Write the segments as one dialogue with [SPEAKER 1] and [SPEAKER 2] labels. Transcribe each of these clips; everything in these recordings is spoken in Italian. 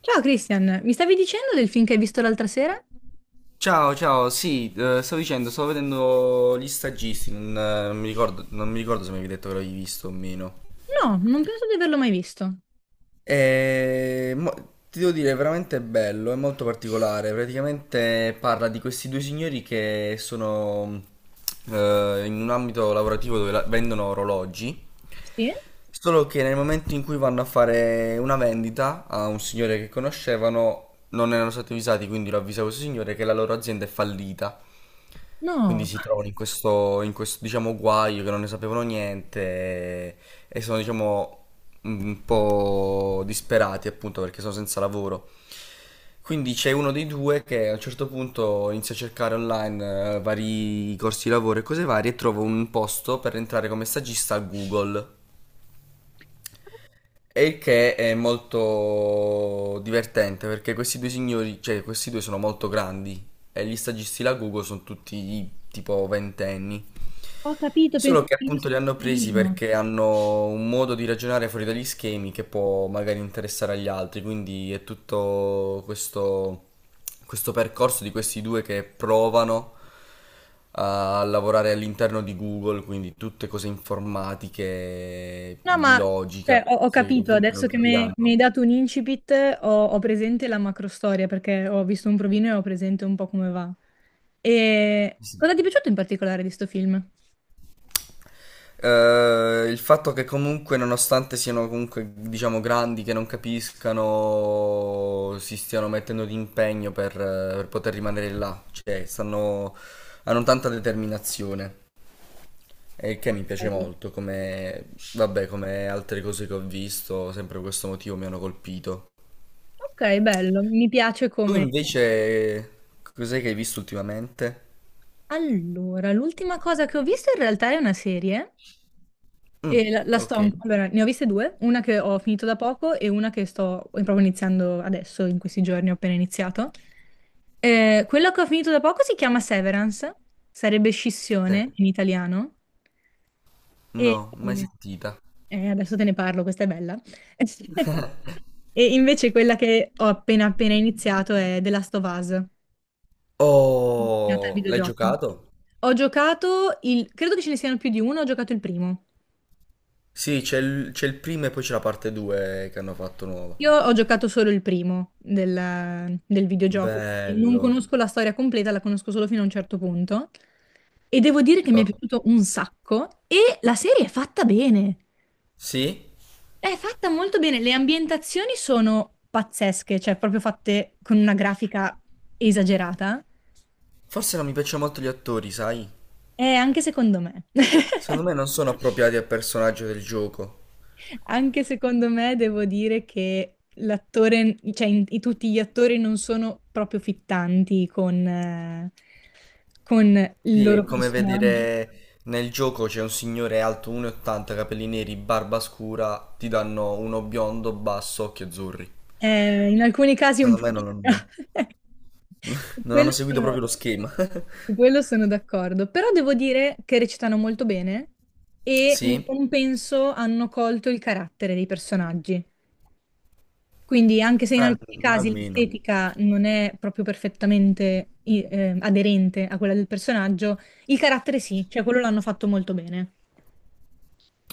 [SPEAKER 1] Ciao Christian, mi stavi dicendo del film che hai visto l'altra sera?
[SPEAKER 2] Ciao, ciao, sì, stavo dicendo, stavo vedendo Gli Stagisti, non mi ricordo, non mi ricordo se mi avevi detto che l'avevi visto o meno.
[SPEAKER 1] No, non penso di averlo mai visto.
[SPEAKER 2] E, ti devo dire, è veramente bello, è molto particolare. Praticamente parla di questi due signori che sono in un ambito lavorativo dove vendono orologi.
[SPEAKER 1] Sì?
[SPEAKER 2] Solo che nel momento in cui vanno a fare una vendita a un signore che conoscevano, non erano stati avvisati, quindi lo avvisa questo signore che la loro azienda è fallita. Quindi
[SPEAKER 1] No.
[SPEAKER 2] si trovano in questo, diciamo, guaio che non ne sapevano niente e, e sono, diciamo, un po' disperati appunto perché sono senza lavoro. Quindi c'è uno dei due che a un certo punto inizia a cercare online vari corsi di lavoro e cose varie e trova un posto per entrare come stagista a Google. E il che è molto divertente perché questi due signori, cioè questi due sono molto grandi e gli stagisti la Google sono tutti tipo ventenni.
[SPEAKER 1] Ho capito,
[SPEAKER 2] Solo
[SPEAKER 1] penso che
[SPEAKER 2] che
[SPEAKER 1] l'hai
[SPEAKER 2] appunto
[SPEAKER 1] visto
[SPEAKER 2] li hanno
[SPEAKER 1] un
[SPEAKER 2] presi
[SPEAKER 1] filmino.
[SPEAKER 2] perché hanno un modo di ragionare fuori dagli schemi che può magari interessare agli altri, quindi è tutto questo, questo percorso di questi due che provano a lavorare all'interno di Google, quindi tutte cose informatiche,
[SPEAKER 1] No,
[SPEAKER 2] di
[SPEAKER 1] ma
[SPEAKER 2] logica,
[SPEAKER 1] cioè, ho
[SPEAKER 2] cose che
[SPEAKER 1] capito,
[SPEAKER 2] comunque
[SPEAKER 1] adesso
[SPEAKER 2] non
[SPEAKER 1] che
[SPEAKER 2] capiranno.
[SPEAKER 1] mi hai dato un incipit, ho presente la macrostoria perché ho visto un provino e ho presente un po' come va. E cosa
[SPEAKER 2] Sì.
[SPEAKER 1] ti è piaciuto in particolare di sto film?
[SPEAKER 2] Il fatto che comunque, nonostante siano comunque, diciamo, grandi, che non capiscano, si stiano mettendo di impegno per poter rimanere là, cioè stanno, hanno tanta determinazione. E il che mi piace
[SPEAKER 1] Ok.
[SPEAKER 2] molto, come, vabbè, come altre cose che ho visto, sempre per questo motivo mi hanno colpito.
[SPEAKER 1] Ok, bello, mi piace
[SPEAKER 2] Tu
[SPEAKER 1] come...
[SPEAKER 2] invece cos'è che hai visto ultimamente?
[SPEAKER 1] Allora, l'ultima cosa che ho visto in realtà è una serie.
[SPEAKER 2] Mm,
[SPEAKER 1] E
[SPEAKER 2] ok.
[SPEAKER 1] allora, ne ho viste due, una che ho finito da poco e una che sto proprio iniziando adesso, in questi giorni ho appena iniziato. Quella che ho finito da poco si chiama Severance, sarebbe
[SPEAKER 2] Eh,
[SPEAKER 1] scissione in italiano, e
[SPEAKER 2] no, mai
[SPEAKER 1] eh,
[SPEAKER 2] sentita.
[SPEAKER 1] adesso te ne parlo, questa è bella. E invece quella che ho appena appena iniziato è The Last of Us, nata al
[SPEAKER 2] Oh, l'hai
[SPEAKER 1] videogioco.
[SPEAKER 2] giocato?
[SPEAKER 1] Ho giocato il, credo che ce ne siano più di uno, ho giocato il primo.
[SPEAKER 2] Sì, c'è il primo e poi c'è la parte 2 che hanno fatto nuova.
[SPEAKER 1] Io ho giocato solo il primo del videogioco, quindi non
[SPEAKER 2] Bello.
[SPEAKER 1] conosco la storia completa, la conosco solo fino a un certo punto. E devo dire che mi è
[SPEAKER 2] Oh,
[SPEAKER 1] piaciuto un sacco e la serie è fatta bene.
[SPEAKER 2] sì?
[SPEAKER 1] È fatta molto bene, le ambientazioni sono pazzesche, cioè proprio fatte con una grafica esagerata.
[SPEAKER 2] Forse non mi piacciono molto gli attori, sai?
[SPEAKER 1] E anche secondo me.
[SPEAKER 2] Secondo me non sono appropriati al personaggio del gioco.
[SPEAKER 1] Anche secondo me devo dire che l'attore, cioè tutti gli attori non sono proprio fittanti con il
[SPEAKER 2] Sì, è
[SPEAKER 1] loro
[SPEAKER 2] come
[SPEAKER 1] personaggio.
[SPEAKER 2] vedere nel gioco c'è un signore alto 1,80, capelli neri, barba scura, ti danno uno biondo, basso, occhi azzurri.
[SPEAKER 1] In alcuni casi un
[SPEAKER 2] Secondo me
[SPEAKER 1] pochino.
[SPEAKER 2] non hanno,
[SPEAKER 1] Su
[SPEAKER 2] non
[SPEAKER 1] Quello
[SPEAKER 2] hanno seguito
[SPEAKER 1] sono,
[SPEAKER 2] proprio lo schema.
[SPEAKER 1] su quello sono d'accordo, però devo dire che recitano molto bene e in
[SPEAKER 2] Sì?
[SPEAKER 1] compenso hanno colto il carattere dei personaggi. Quindi anche se in
[SPEAKER 2] Al-
[SPEAKER 1] alcuni casi
[SPEAKER 2] almeno.
[SPEAKER 1] l'estetica non è proprio perfettamente aderente a quella del personaggio, il carattere sì, cioè quello l'hanno fatto molto bene.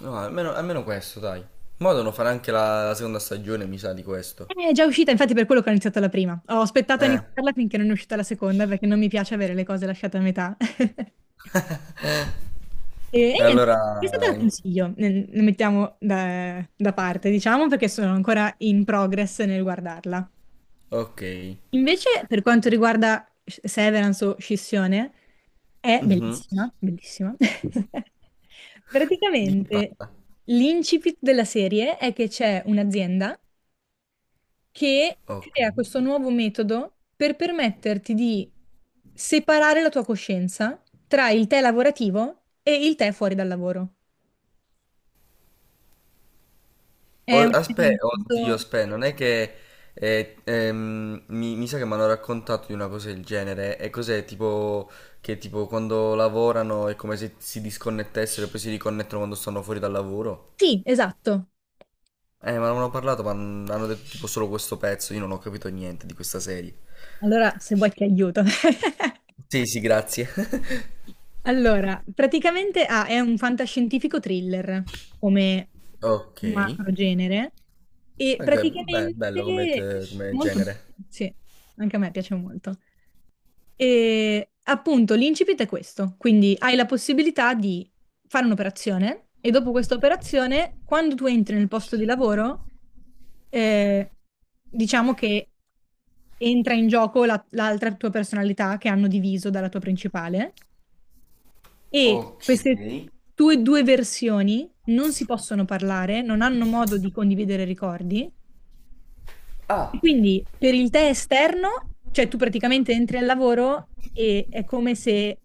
[SPEAKER 2] No, almeno questo, dai. Mo' devono fare anche la seconda stagione, mi sa, di questo.
[SPEAKER 1] È già uscita, infatti per quello che ho iniziato la prima. Ho aspettato a
[SPEAKER 2] Eh,
[SPEAKER 1] iniziarla finché non è uscita la seconda perché non mi piace avere le cose lasciate a metà. E
[SPEAKER 2] E
[SPEAKER 1] niente, questa te
[SPEAKER 2] allora...
[SPEAKER 1] la consiglio, ne mettiamo da parte, diciamo, perché sono ancora in progress nel guardarla.
[SPEAKER 2] Ok.
[SPEAKER 1] Invece, per quanto riguarda Severance o Scissione, è
[SPEAKER 2] Mhm.
[SPEAKER 1] bellissima, bellissima.
[SPEAKER 2] Di che
[SPEAKER 1] Praticamente
[SPEAKER 2] parla?
[SPEAKER 1] l'incipit della serie è che c'è un'azienda che
[SPEAKER 2] Ok.
[SPEAKER 1] crea questo nuovo metodo per permetterti di separare la tua coscienza tra il te lavorativo e il te fuori dal lavoro. È un
[SPEAKER 2] Aspe, oddio,
[SPEAKER 1] mezzo...
[SPEAKER 2] aspe, non è che mi sa che mi hanno raccontato di una cosa del genere. E cos'è? Tipo che tipo quando lavorano è come se si disconnettessero e poi si riconnettono quando stanno fuori dal lavoro.
[SPEAKER 1] Sì, esatto.
[SPEAKER 2] Ma non hanno parlato, ma hanno detto tipo solo questo pezzo. Io non ho capito niente di questa serie.
[SPEAKER 1] Allora, se vuoi ti aiuto.
[SPEAKER 2] Sì, sì, grazie.
[SPEAKER 1] Allora, praticamente è un fantascientifico thriller come
[SPEAKER 2] Ok.
[SPEAKER 1] macro genere e
[SPEAKER 2] Ok, beh, bello come,
[SPEAKER 1] praticamente
[SPEAKER 2] come
[SPEAKER 1] molto bello,
[SPEAKER 2] genere.
[SPEAKER 1] sì, anche a me piace molto. E appunto l'incipit è questo, quindi hai la possibilità di fare un'operazione e dopo questa operazione, quando tu entri nel posto di lavoro, eh, diciamo che entra in gioco l'altra tua personalità che hanno diviso dalla tua principale e
[SPEAKER 2] Ok.
[SPEAKER 1] queste tue due versioni non si possono parlare, non hanno modo di condividere ricordi. E
[SPEAKER 2] Ah,
[SPEAKER 1] quindi per il te esterno, cioè tu praticamente entri al lavoro e è come se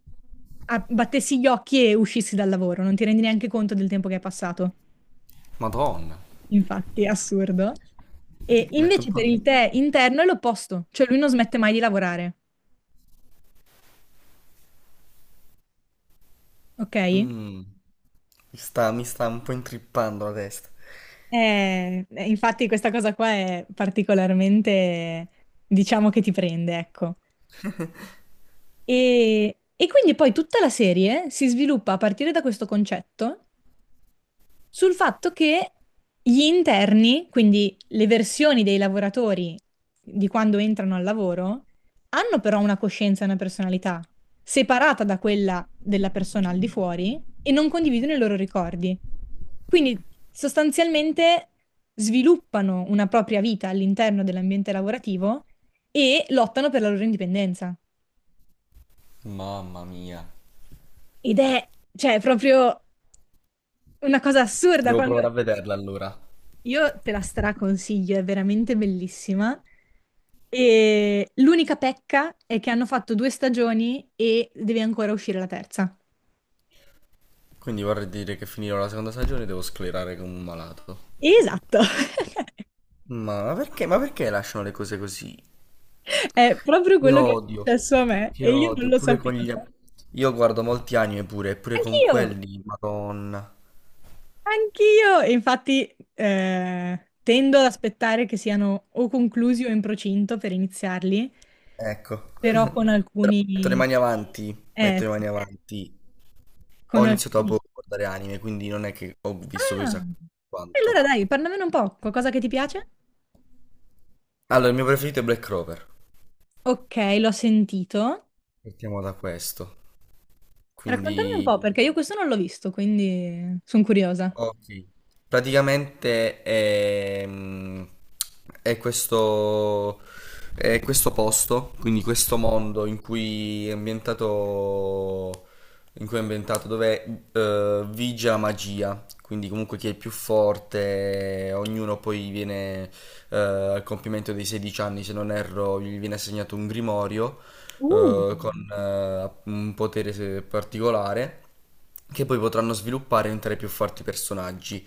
[SPEAKER 1] battessi gli occhi e uscissi dal lavoro, non ti rendi neanche conto del tempo che è passato.
[SPEAKER 2] madonna.
[SPEAKER 1] Infatti, è assurdo. E
[SPEAKER 2] Metto un
[SPEAKER 1] invece
[SPEAKER 2] po'
[SPEAKER 1] per
[SPEAKER 2] di...
[SPEAKER 1] il te interno è l'opposto, cioè lui non smette mai di lavorare, ok?
[SPEAKER 2] Mm. Mi sta un po' intrippando la testa.
[SPEAKER 1] Infatti questa cosa qua è particolarmente, diciamo che ti prende, ecco. E quindi poi tutta la serie si sviluppa a partire da questo concetto sul fatto che gli interni, quindi le versioni dei lavoratori di quando entrano al lavoro, hanno però una coscienza e una personalità separata da quella della persona al di fuori e non condividono i loro ricordi. Quindi sostanzialmente sviluppano una propria vita all'interno dell'ambiente lavorativo e lottano per la loro indipendenza.
[SPEAKER 2] Mamma mia.
[SPEAKER 1] Ed è, cioè, proprio una cosa assurda
[SPEAKER 2] Devo
[SPEAKER 1] quando...
[SPEAKER 2] provare a vederla allora.
[SPEAKER 1] Io te la straconsiglio, è veramente bellissima. E l'unica pecca è che hanno fatto due stagioni e deve ancora uscire la terza.
[SPEAKER 2] Quindi vorrei dire che finirò la seconda stagione e devo sclerare come un malato.
[SPEAKER 1] Esatto,
[SPEAKER 2] Ma perché lasciano le cose così?
[SPEAKER 1] è proprio
[SPEAKER 2] Che
[SPEAKER 1] quello che è
[SPEAKER 2] odio.
[SPEAKER 1] successo a me
[SPEAKER 2] Che
[SPEAKER 1] e io non
[SPEAKER 2] odio.
[SPEAKER 1] lo
[SPEAKER 2] Pure con
[SPEAKER 1] sapevo.
[SPEAKER 2] gli... Io guardo molti anime pure, pure con
[SPEAKER 1] Anch'io,
[SPEAKER 2] quelli, madonna.
[SPEAKER 1] anch'io. E infatti tendo ad aspettare che siano o conclusi o in procinto per iniziarli,
[SPEAKER 2] Ecco.
[SPEAKER 1] però con
[SPEAKER 2] Però metto le
[SPEAKER 1] alcuni...
[SPEAKER 2] mani avanti.
[SPEAKER 1] eh,
[SPEAKER 2] Metto le mani avanti. Ho
[SPEAKER 1] con
[SPEAKER 2] iniziato a
[SPEAKER 1] alcuni...
[SPEAKER 2] guardare anime, quindi non è che ho visto
[SPEAKER 1] Ah,
[SPEAKER 2] chissà
[SPEAKER 1] e allora
[SPEAKER 2] quanto.
[SPEAKER 1] dai, parlamene un po', qualcosa che ti piace?
[SPEAKER 2] Allora, il mio preferito è Black Clover.
[SPEAKER 1] Ok, l'ho sentito.
[SPEAKER 2] Partiamo da questo.
[SPEAKER 1] Raccontami un
[SPEAKER 2] Quindi,
[SPEAKER 1] po', perché io questo non l'ho visto, quindi sono curiosa.
[SPEAKER 2] ok. Praticamente è, questo, è questo posto, quindi questo mondo in cui è ambientato, in cui è ambientato dove vige la magia. Quindi comunque chi è il più forte, ognuno poi viene al compimento dei 16 anni, se non erro, gli viene assegnato un grimorio
[SPEAKER 1] Uh.
[SPEAKER 2] con un potere particolare che poi potranno sviluppare e diventare più forti personaggi.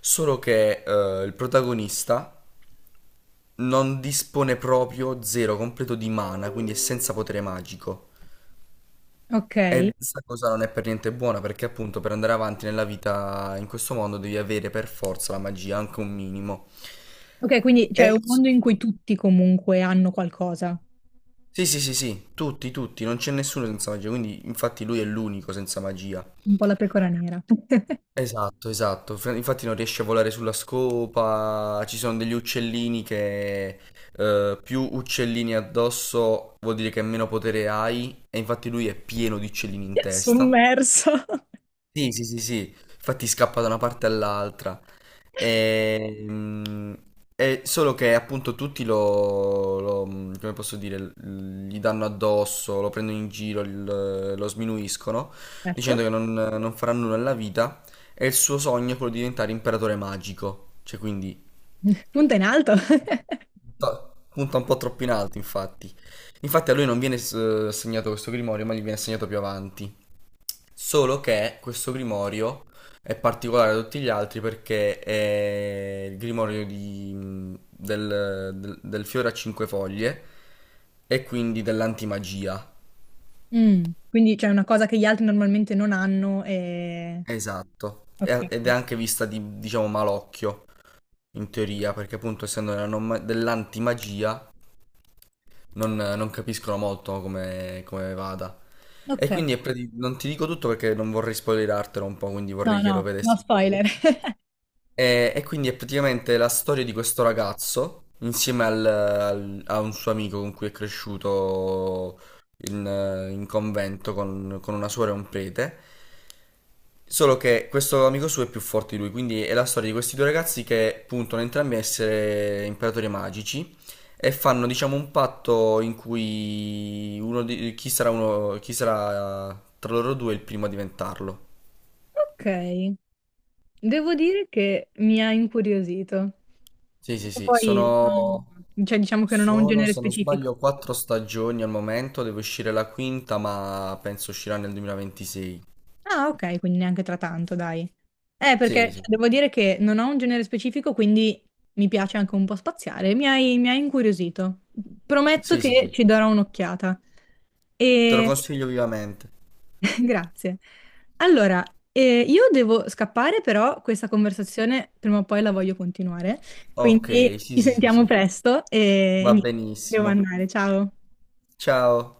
[SPEAKER 2] Solo che il protagonista non dispone proprio zero completo di mana, quindi è senza potere magico.
[SPEAKER 1] Ok.
[SPEAKER 2] E questa cosa non è per niente buona perché appunto per andare avanti nella vita in questo mondo devi avere per forza la magia, anche un minimo.
[SPEAKER 1] Ok, quindi c'è
[SPEAKER 2] E...
[SPEAKER 1] un mondo in cui tutti comunque hanno qualcosa,
[SPEAKER 2] sì, sì, sì, sì, tutti, tutti, non c'è nessuno senza magia, quindi infatti lui è l'unico senza magia.
[SPEAKER 1] un po' la pecora nera.
[SPEAKER 2] Esatto, esatto. Infatti non riesce a volare sulla scopa, ci sono degli uccellini che più uccellini addosso vuol dire che meno potere hai e infatti lui è pieno di uccellini in testa.
[SPEAKER 1] Sommerso.
[SPEAKER 2] Sì, sì, sì, sì, infatti scappa da una parte all'altra. Ehm, È solo che appunto tutti lo, lo- come posso dire, l- gli danno addosso, lo prendono in giro, lo sminuiscono,
[SPEAKER 1] Certo.
[SPEAKER 2] dicendo che non farà nulla nella vita e il suo sogno è quello di diventare imperatore magico. Cioè, quindi
[SPEAKER 1] Punta in alto.
[SPEAKER 2] punta un po' troppo in alto, infatti. Infatti a lui non viene assegnato questo grimorio, ma gli viene assegnato più avanti. Solo che questo grimorio è particolare da tutti gli altri perché è il grimorio del fiore a cinque foglie e quindi dell'antimagia.
[SPEAKER 1] Mm, quindi c'è una cosa che gli altri normalmente non hanno e...
[SPEAKER 2] Esatto.
[SPEAKER 1] Ok.
[SPEAKER 2] Ed è anche vista di, diciamo, malocchio in teoria, perché appunto essendo nella non ma- dell'antimagia non capiscono molto come, come vada.
[SPEAKER 1] Ok.
[SPEAKER 2] E quindi è non ti dico tutto perché non vorrei spoilerartelo un po', quindi
[SPEAKER 1] No,
[SPEAKER 2] vorrei che lo
[SPEAKER 1] no, no
[SPEAKER 2] vedessi tu.
[SPEAKER 1] spoiler.
[SPEAKER 2] E quindi è praticamente la storia di questo ragazzo insieme a un suo amico con cui è cresciuto in, in convento con una suora e un prete. Solo che questo amico suo è più forte di lui, quindi è la storia di questi due ragazzi che puntano entrambi a essere imperatori magici e fanno, diciamo, un patto in cui uno di- chi sarà uno, chi sarà tra loro due il primo a diventarlo.
[SPEAKER 1] Ok. Devo dire che mi ha incuriosito.
[SPEAKER 2] Sì, sì, sì,
[SPEAKER 1] Poi,
[SPEAKER 2] sono
[SPEAKER 1] cioè, diciamo che non ho un
[SPEAKER 2] sono,
[SPEAKER 1] genere
[SPEAKER 2] se non
[SPEAKER 1] specifico.
[SPEAKER 2] sbaglio, quattro stagioni al momento, deve uscire la quinta, ma penso uscirà nel 2026.
[SPEAKER 1] Ah, ok, quindi neanche tra tanto, dai. Perché
[SPEAKER 2] Sì,
[SPEAKER 1] cioè,
[SPEAKER 2] sì,
[SPEAKER 1] devo dire che non ho un genere specifico, quindi mi piace anche un po' spaziare. Mi hai incuriosito. Prometto
[SPEAKER 2] sì, sì, sì.
[SPEAKER 1] che ci darò un'occhiata.
[SPEAKER 2] Te lo
[SPEAKER 1] E
[SPEAKER 2] consiglio vivamente.
[SPEAKER 1] grazie. Allora, io devo scappare, però questa conversazione prima o poi la voglio continuare,
[SPEAKER 2] Ok,
[SPEAKER 1] quindi
[SPEAKER 2] sì,
[SPEAKER 1] ci
[SPEAKER 2] sì, sì,
[SPEAKER 1] sentiamo
[SPEAKER 2] sì.
[SPEAKER 1] presto e
[SPEAKER 2] Va
[SPEAKER 1] niente, devo
[SPEAKER 2] benissimo.
[SPEAKER 1] andare. Ciao.
[SPEAKER 2] Ciao.